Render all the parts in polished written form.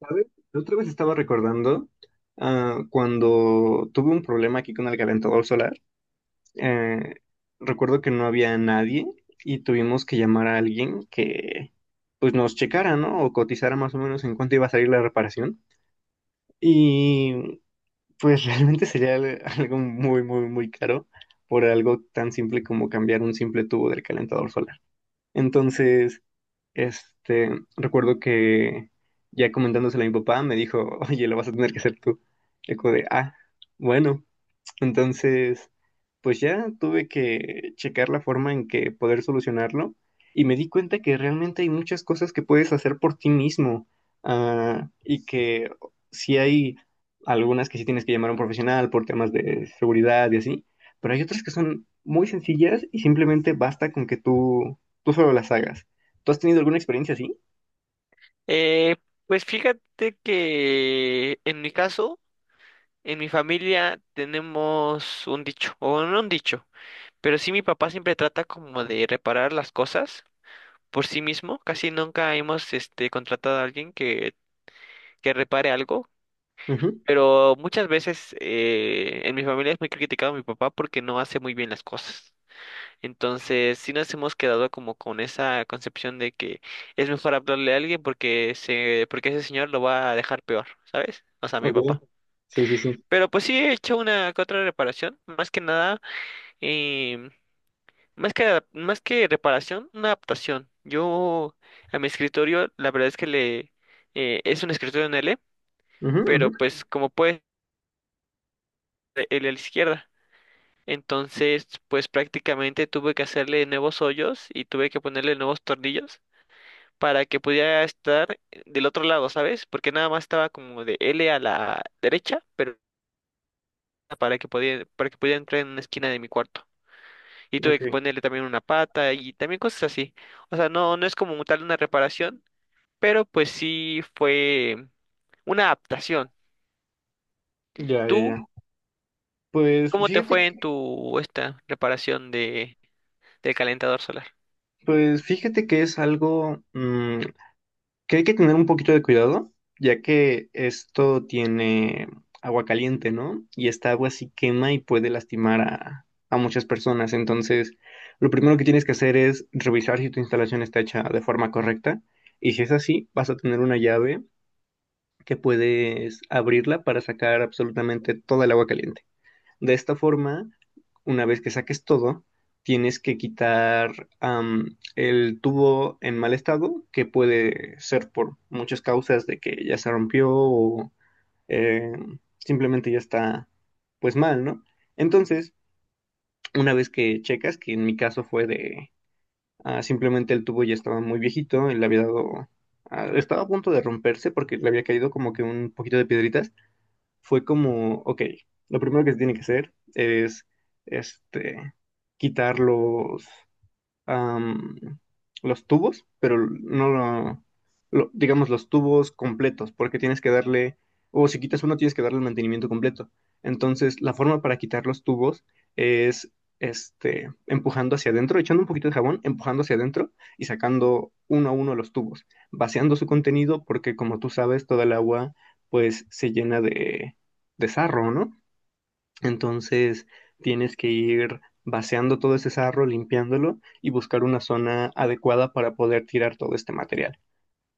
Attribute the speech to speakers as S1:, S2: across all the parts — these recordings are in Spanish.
S1: ¿Sabes? La otra vez estaba recordando cuando tuve un problema aquí con el calentador solar. eh, Recuerdo que no había nadie y tuvimos que llamar a alguien que pues nos checara, ¿no? O cotizara más o menos en cuánto iba a salir la reparación. Y pues realmente sería algo muy, muy, muy caro por algo tan simple como cambiar un simple tubo del calentador solar. Entonces... Este, recuerdo que ya comentándoselo a mi papá, me dijo, oye, lo vas a tener que hacer tú. Y como de, ah, bueno. Entonces, pues ya tuve que checar la forma en que poder solucionarlo y me di cuenta que realmente hay muchas cosas que puedes hacer por ti mismo, y que sí hay algunas que sí tienes que llamar a un profesional por temas de seguridad y así, pero hay otras que son muy sencillas y simplemente basta con que tú solo las hagas. ¿Tú has tenido alguna experiencia así?
S2: Eh, pues fíjate que en mi caso, en mi familia tenemos un dicho, o no un dicho, pero sí mi papá siempre trata como de reparar las cosas por sí mismo. Casi nunca hemos contratado a alguien que repare algo,
S1: Ujú,
S2: pero muchas veces en mi familia es muy criticado mi papá porque no hace muy bien las cosas. Entonces, sí nos hemos quedado como con esa concepción de que es mejor hablarle a alguien, porque ese señor lo va a dejar peor, ¿sabes? O sea,
S1: ok.
S2: mi papá.
S1: Ok, sí, sí, sí.
S2: Pero pues sí he hecho una que otra reparación, más que nada, em, más que reparación, una adaptación. Yo a mi escritorio, la verdad es que es un escritorio en L,
S1: Ujú, ujú,
S2: pero pues como puede, L a la izquierda. Entonces, pues prácticamente tuve que hacerle nuevos hoyos y tuve que ponerle nuevos tornillos para que pudiera estar del otro lado, ¿sabes? Porque nada más estaba como de L a la derecha, pero para que pudiera entrar en una esquina de mi cuarto. Y tuve que
S1: ok.
S2: ponerle también una pata y también cosas así. O sea, no es como tal una reparación, pero pues sí fue una adaptación.
S1: Ya, ya,
S2: ¿Tú
S1: ya. Pues
S2: cómo te
S1: fíjate
S2: fue en tu esta reparación de del calentador solar?
S1: Pues fíjate que es algo que hay que tener un poquito de cuidado, ya que esto tiene agua caliente, ¿no? Y esta agua sí quema y puede lastimar a muchas personas. Entonces, lo primero que tienes que hacer es revisar si tu instalación está hecha de forma correcta. Y si es así, vas a tener una llave que puedes abrirla para sacar absolutamente toda el agua caliente. De esta forma, una vez que saques todo, tienes que quitar el tubo en mal estado, que puede ser por muchas causas de que ya se rompió o eh, simplemente ya está pues mal, ¿no? Entonces, una vez que checas, que en mi caso fue de simplemente el tubo ya estaba muy viejito y le había dado, estaba a punto de romperse porque le había caído como que un poquito de piedritas, fue como, ok, lo primero que se tiene que hacer es este, quitar los, am, los tubos, pero no lo, lo- digamos, los tubos completos, porque tienes que darle, o si quitas uno, tienes que darle el mantenimiento completo. Entonces, la forma para quitar los tubos es, este, empujando hacia adentro, echando un poquito de jabón, empujando hacia adentro y sacando uno a uno los tubos, vaciando su contenido, porque como tú sabes, toda el agua, pues, se llena de sarro, ¿no? Entonces tienes que ir vaciando todo ese sarro, limpiándolo y buscar una zona adecuada para poder tirar todo este material.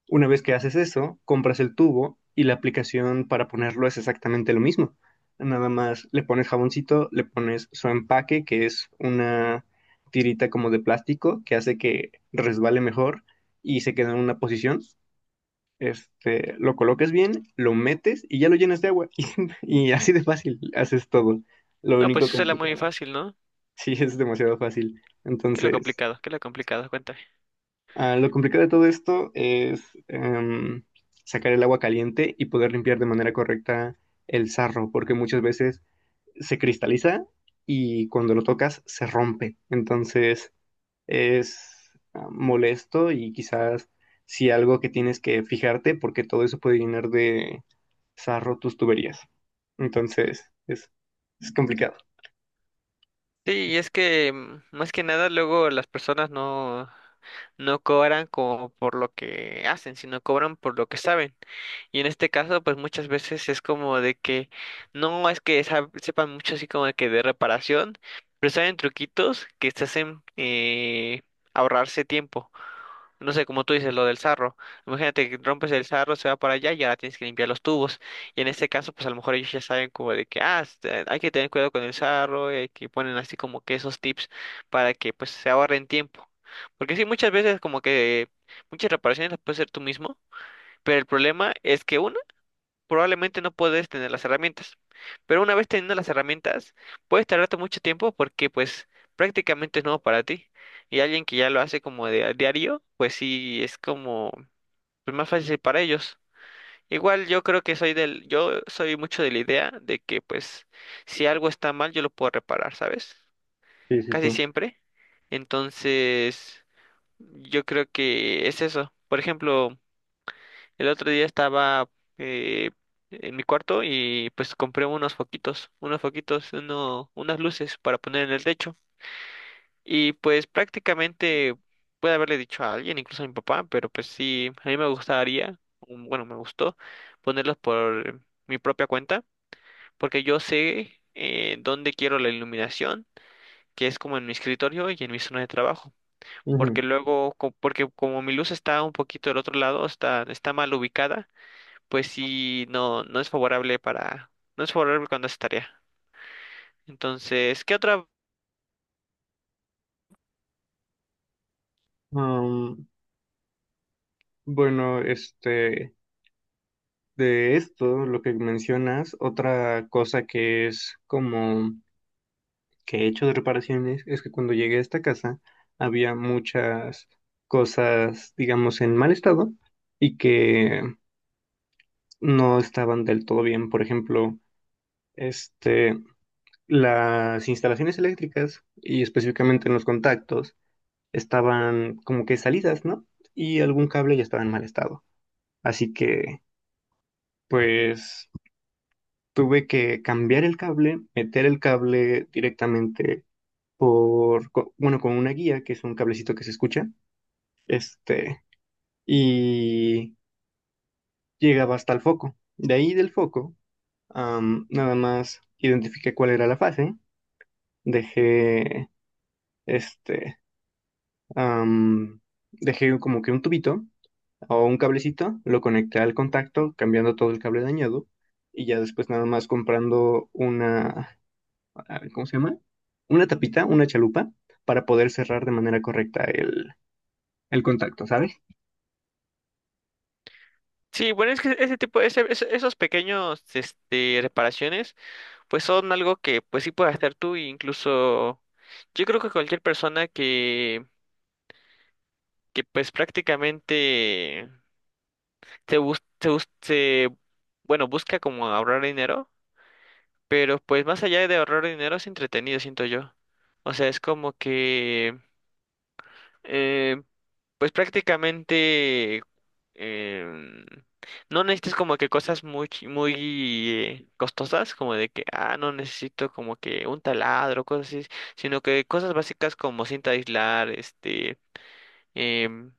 S1: Una vez que haces eso, compras el tubo y la aplicación para ponerlo es exactamente lo mismo. Nada más le pones jaboncito, le pones su empaque, que es una tirita como de plástico que hace que resbale mejor y se queda en una posición, este, lo colocas bien, lo metes y ya lo llenas de agua. Y, y así de fácil haces todo. Lo
S2: No, pues
S1: único
S2: eso era muy
S1: complicado.
S2: fácil, ¿no?
S1: Sí, es demasiado fácil.
S2: ¿Qué es lo
S1: Entonces,
S2: complicado? ¿Qué es lo complicado? Cuenta.
S1: lo complicado de todo esto es em, sacar el agua caliente y poder limpiar de manera correcta el sarro, porque muchas veces se cristaliza y cuando lo tocas se rompe. Entonces, es molesto y quizás si algo que tienes que fijarte, porque todo eso puede llenar de zarro tus tuberías. Entonces, es complicado.
S2: Sí, y es que más que nada luego las personas no cobran como por lo que hacen, sino cobran por lo que saben. Y en este caso, pues muchas veces es como de que no es que sepan mucho así como de que de reparación, pero saben truquitos que te hacen ahorrarse tiempo. No sé, como tú dices, lo del sarro. Imagínate que rompes el sarro, se va para allá y ahora tienes que limpiar los tubos. Y en este caso, pues a lo mejor ellos ya saben como de que, ah, hay que tener cuidado con el sarro, y que ponen así como que esos tips para que pues se ahorren tiempo. Porque sí, muchas veces como que muchas reparaciones las puedes hacer tú mismo, pero el problema es que uno probablemente no puedes tener las herramientas. Pero una vez teniendo las herramientas, puedes tardarte mucho tiempo porque pues prácticamente es nuevo para ti. Y alguien que ya lo hace como de a diario, pues sí es como pues, más fácil para ellos. Igual yo creo que soy yo soy mucho de la idea de que pues si algo está mal yo lo puedo reparar, ¿sabes?
S1: Sí, sí, sí.
S2: Casi siempre. Entonces, yo creo que es eso. Por ejemplo, el otro día estaba eh, en mi cuarto y pues compré unos foquitos, unas luces para poner en el techo. Y pues prácticamente puede haberle dicho a alguien, incluso a mi papá, pero pues sí, a mí me me gustó ponerlos por mi propia cuenta, porque yo sé dónde quiero la iluminación, que es como en mi escritorio y en mi zona de trabajo.
S1: Ujú.
S2: Porque luego, porque como mi luz está un poquito del otro lado, está mal ubicada pues sí, no es favorable no es favorable cuando haces tarea. Entonces, ¿qué otra?
S1: Am, bueno, este, de esto, lo que mencionas, otra cosa que es como que he hecho de reparaciones es que cuando llegué a esta casa había muchas cosas, digamos, en mal estado y que no estaban del todo bien. Por ejemplo, este, las instalaciones eléctricas y específicamente en los contactos estaban como que salidas, ¿no? Y algún cable ya estaba en mal estado. Así que, pues, tuve que cambiar el cable, meter el cable directamente bueno, con una guía, que es un cablecito que se escucha, este, y llegaba hasta el foco. De ahí del foco, nada más identifiqué cuál era la fase, dejé, este, am, dejé como que un tubito o un cablecito, lo conecté al contacto, cambiando todo el cable dañado y ya después nada más comprando una, ¿cómo se llama? Una tapita, una chalupa para poder cerrar de manera correcta el contacto, ¿sabes?
S2: Sí, bueno, es que ese tipo, ese- esos pequeños, reparaciones, pues son algo que, pues sí puedes hacer tú, e incluso, yo creo que cualquier persona que pues prácticamente se bus, se, bus- se, bueno, busca como ahorrar dinero, pero pues más allá de ahorrar dinero es entretenido, siento yo. O sea, es como que eh, pues prácticamente em, no necesitas como que cosas muy costosas, como de que, ah, no necesito como que un taladro, cosas así, sino que cosas básicas como cinta de aislar, em,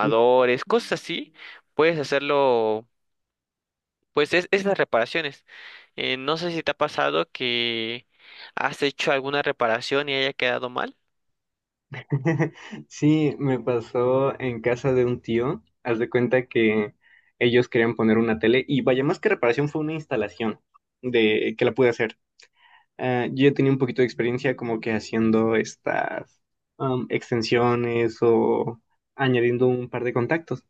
S1: Sí.
S2: cosas así, puedes hacerlo, pues es las reparaciones. No sé si te ha pasado que has hecho alguna reparación y haya quedado mal.
S1: Sí, me pasó en casa de un tío, haz de cuenta que ellos querían poner una tele y vaya más que reparación fue una instalación de que la pude hacer. Yo ya tenía un poquito de experiencia como que haciendo estas extensiones o añadiendo un par de contactos.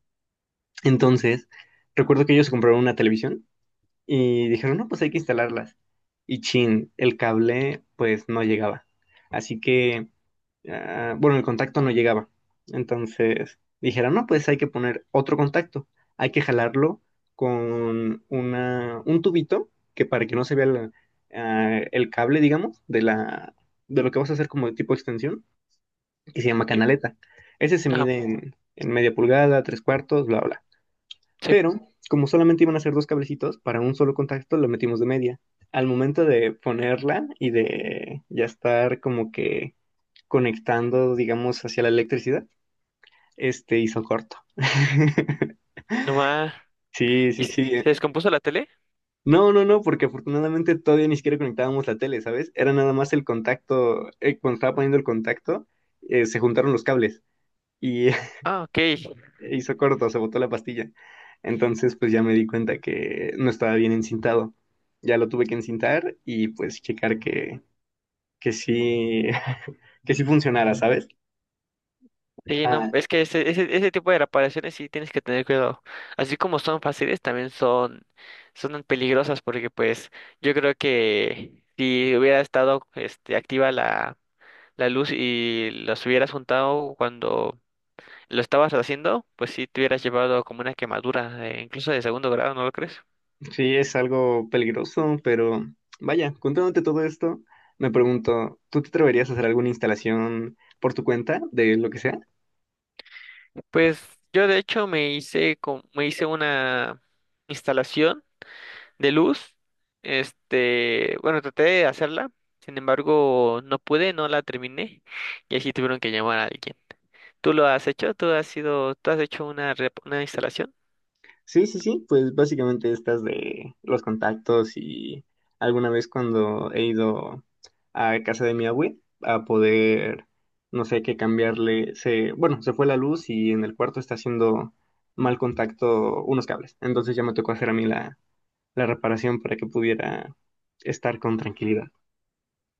S1: Entonces, recuerdo que ellos compraron una televisión y dijeron, no, pues hay que instalarlas. Y chin, el cable pues no llegaba. Así que bueno, el contacto no llegaba. Entonces dijeron, no, pues hay que poner otro contacto, hay que jalarlo con una, un tubito que para que no se vea el cable, digamos, de la, de lo que vas a hacer como de tipo extensión, que se llama
S2: Sí,
S1: canaleta. Ese se
S2: ajá,
S1: mide en media pulgada, tres cuartos, bla, bla.
S2: sí,
S1: Pero como solamente iban a ser dos cablecitos, para un solo contacto lo metimos de media. Al momento de ponerla y de ya estar como que conectando, digamos, hacia la electricidad, este hizo corto.
S2: nomás,
S1: Sí,
S2: ¿y
S1: sí,
S2: se
S1: sí.
S2: descompuso la tele?
S1: No, no, no, porque afortunadamente todavía ni siquiera conectábamos la tele, ¿sabes? Era nada más el contacto, cuando estaba poniendo el contacto, se juntaron los cables y
S2: Ah, ok.
S1: hizo corto, se botó la pastilla. Entonces, pues ya me di cuenta que no estaba bien encintado. Ya lo tuve que encintar y pues checar que sí, que sí funcionara, ¿sabes?
S2: Sí, no,
S1: Ah,
S2: es que ese tipo de reparaciones sí tienes que tener cuidado. Así como son fáciles, también son peligrosas porque pues yo creo que si hubiera estado activa la luz y los hubieras juntado cuando lo estabas haciendo, pues sí te hubieras llevado como una quemadura, incluso de segundo grado, ¿no lo crees?
S1: sí, es algo peligroso, pero vaya, contándote todo esto, me pregunto, ¿tú te atreverías a hacer alguna instalación por tu cuenta de lo que sea?
S2: Pues yo de hecho me hice una instalación de luz. Traté de hacerla, sin embargo, no pude, no la terminé y así tuvieron que llamar a alguien. ¿Tú lo has hecho? ¿Tú has hecho una, una instalación?
S1: Sí, sí, sí, pues básicamente estas de los contactos y alguna vez cuando he ido a casa de mi abue a poder, no sé, qué cambiarle, se, bueno, se fue la luz y en el cuarto está haciendo mal contacto unos cables, entonces ya me tocó hacer a mí la, la reparación para que pudiera estar con tranquilidad.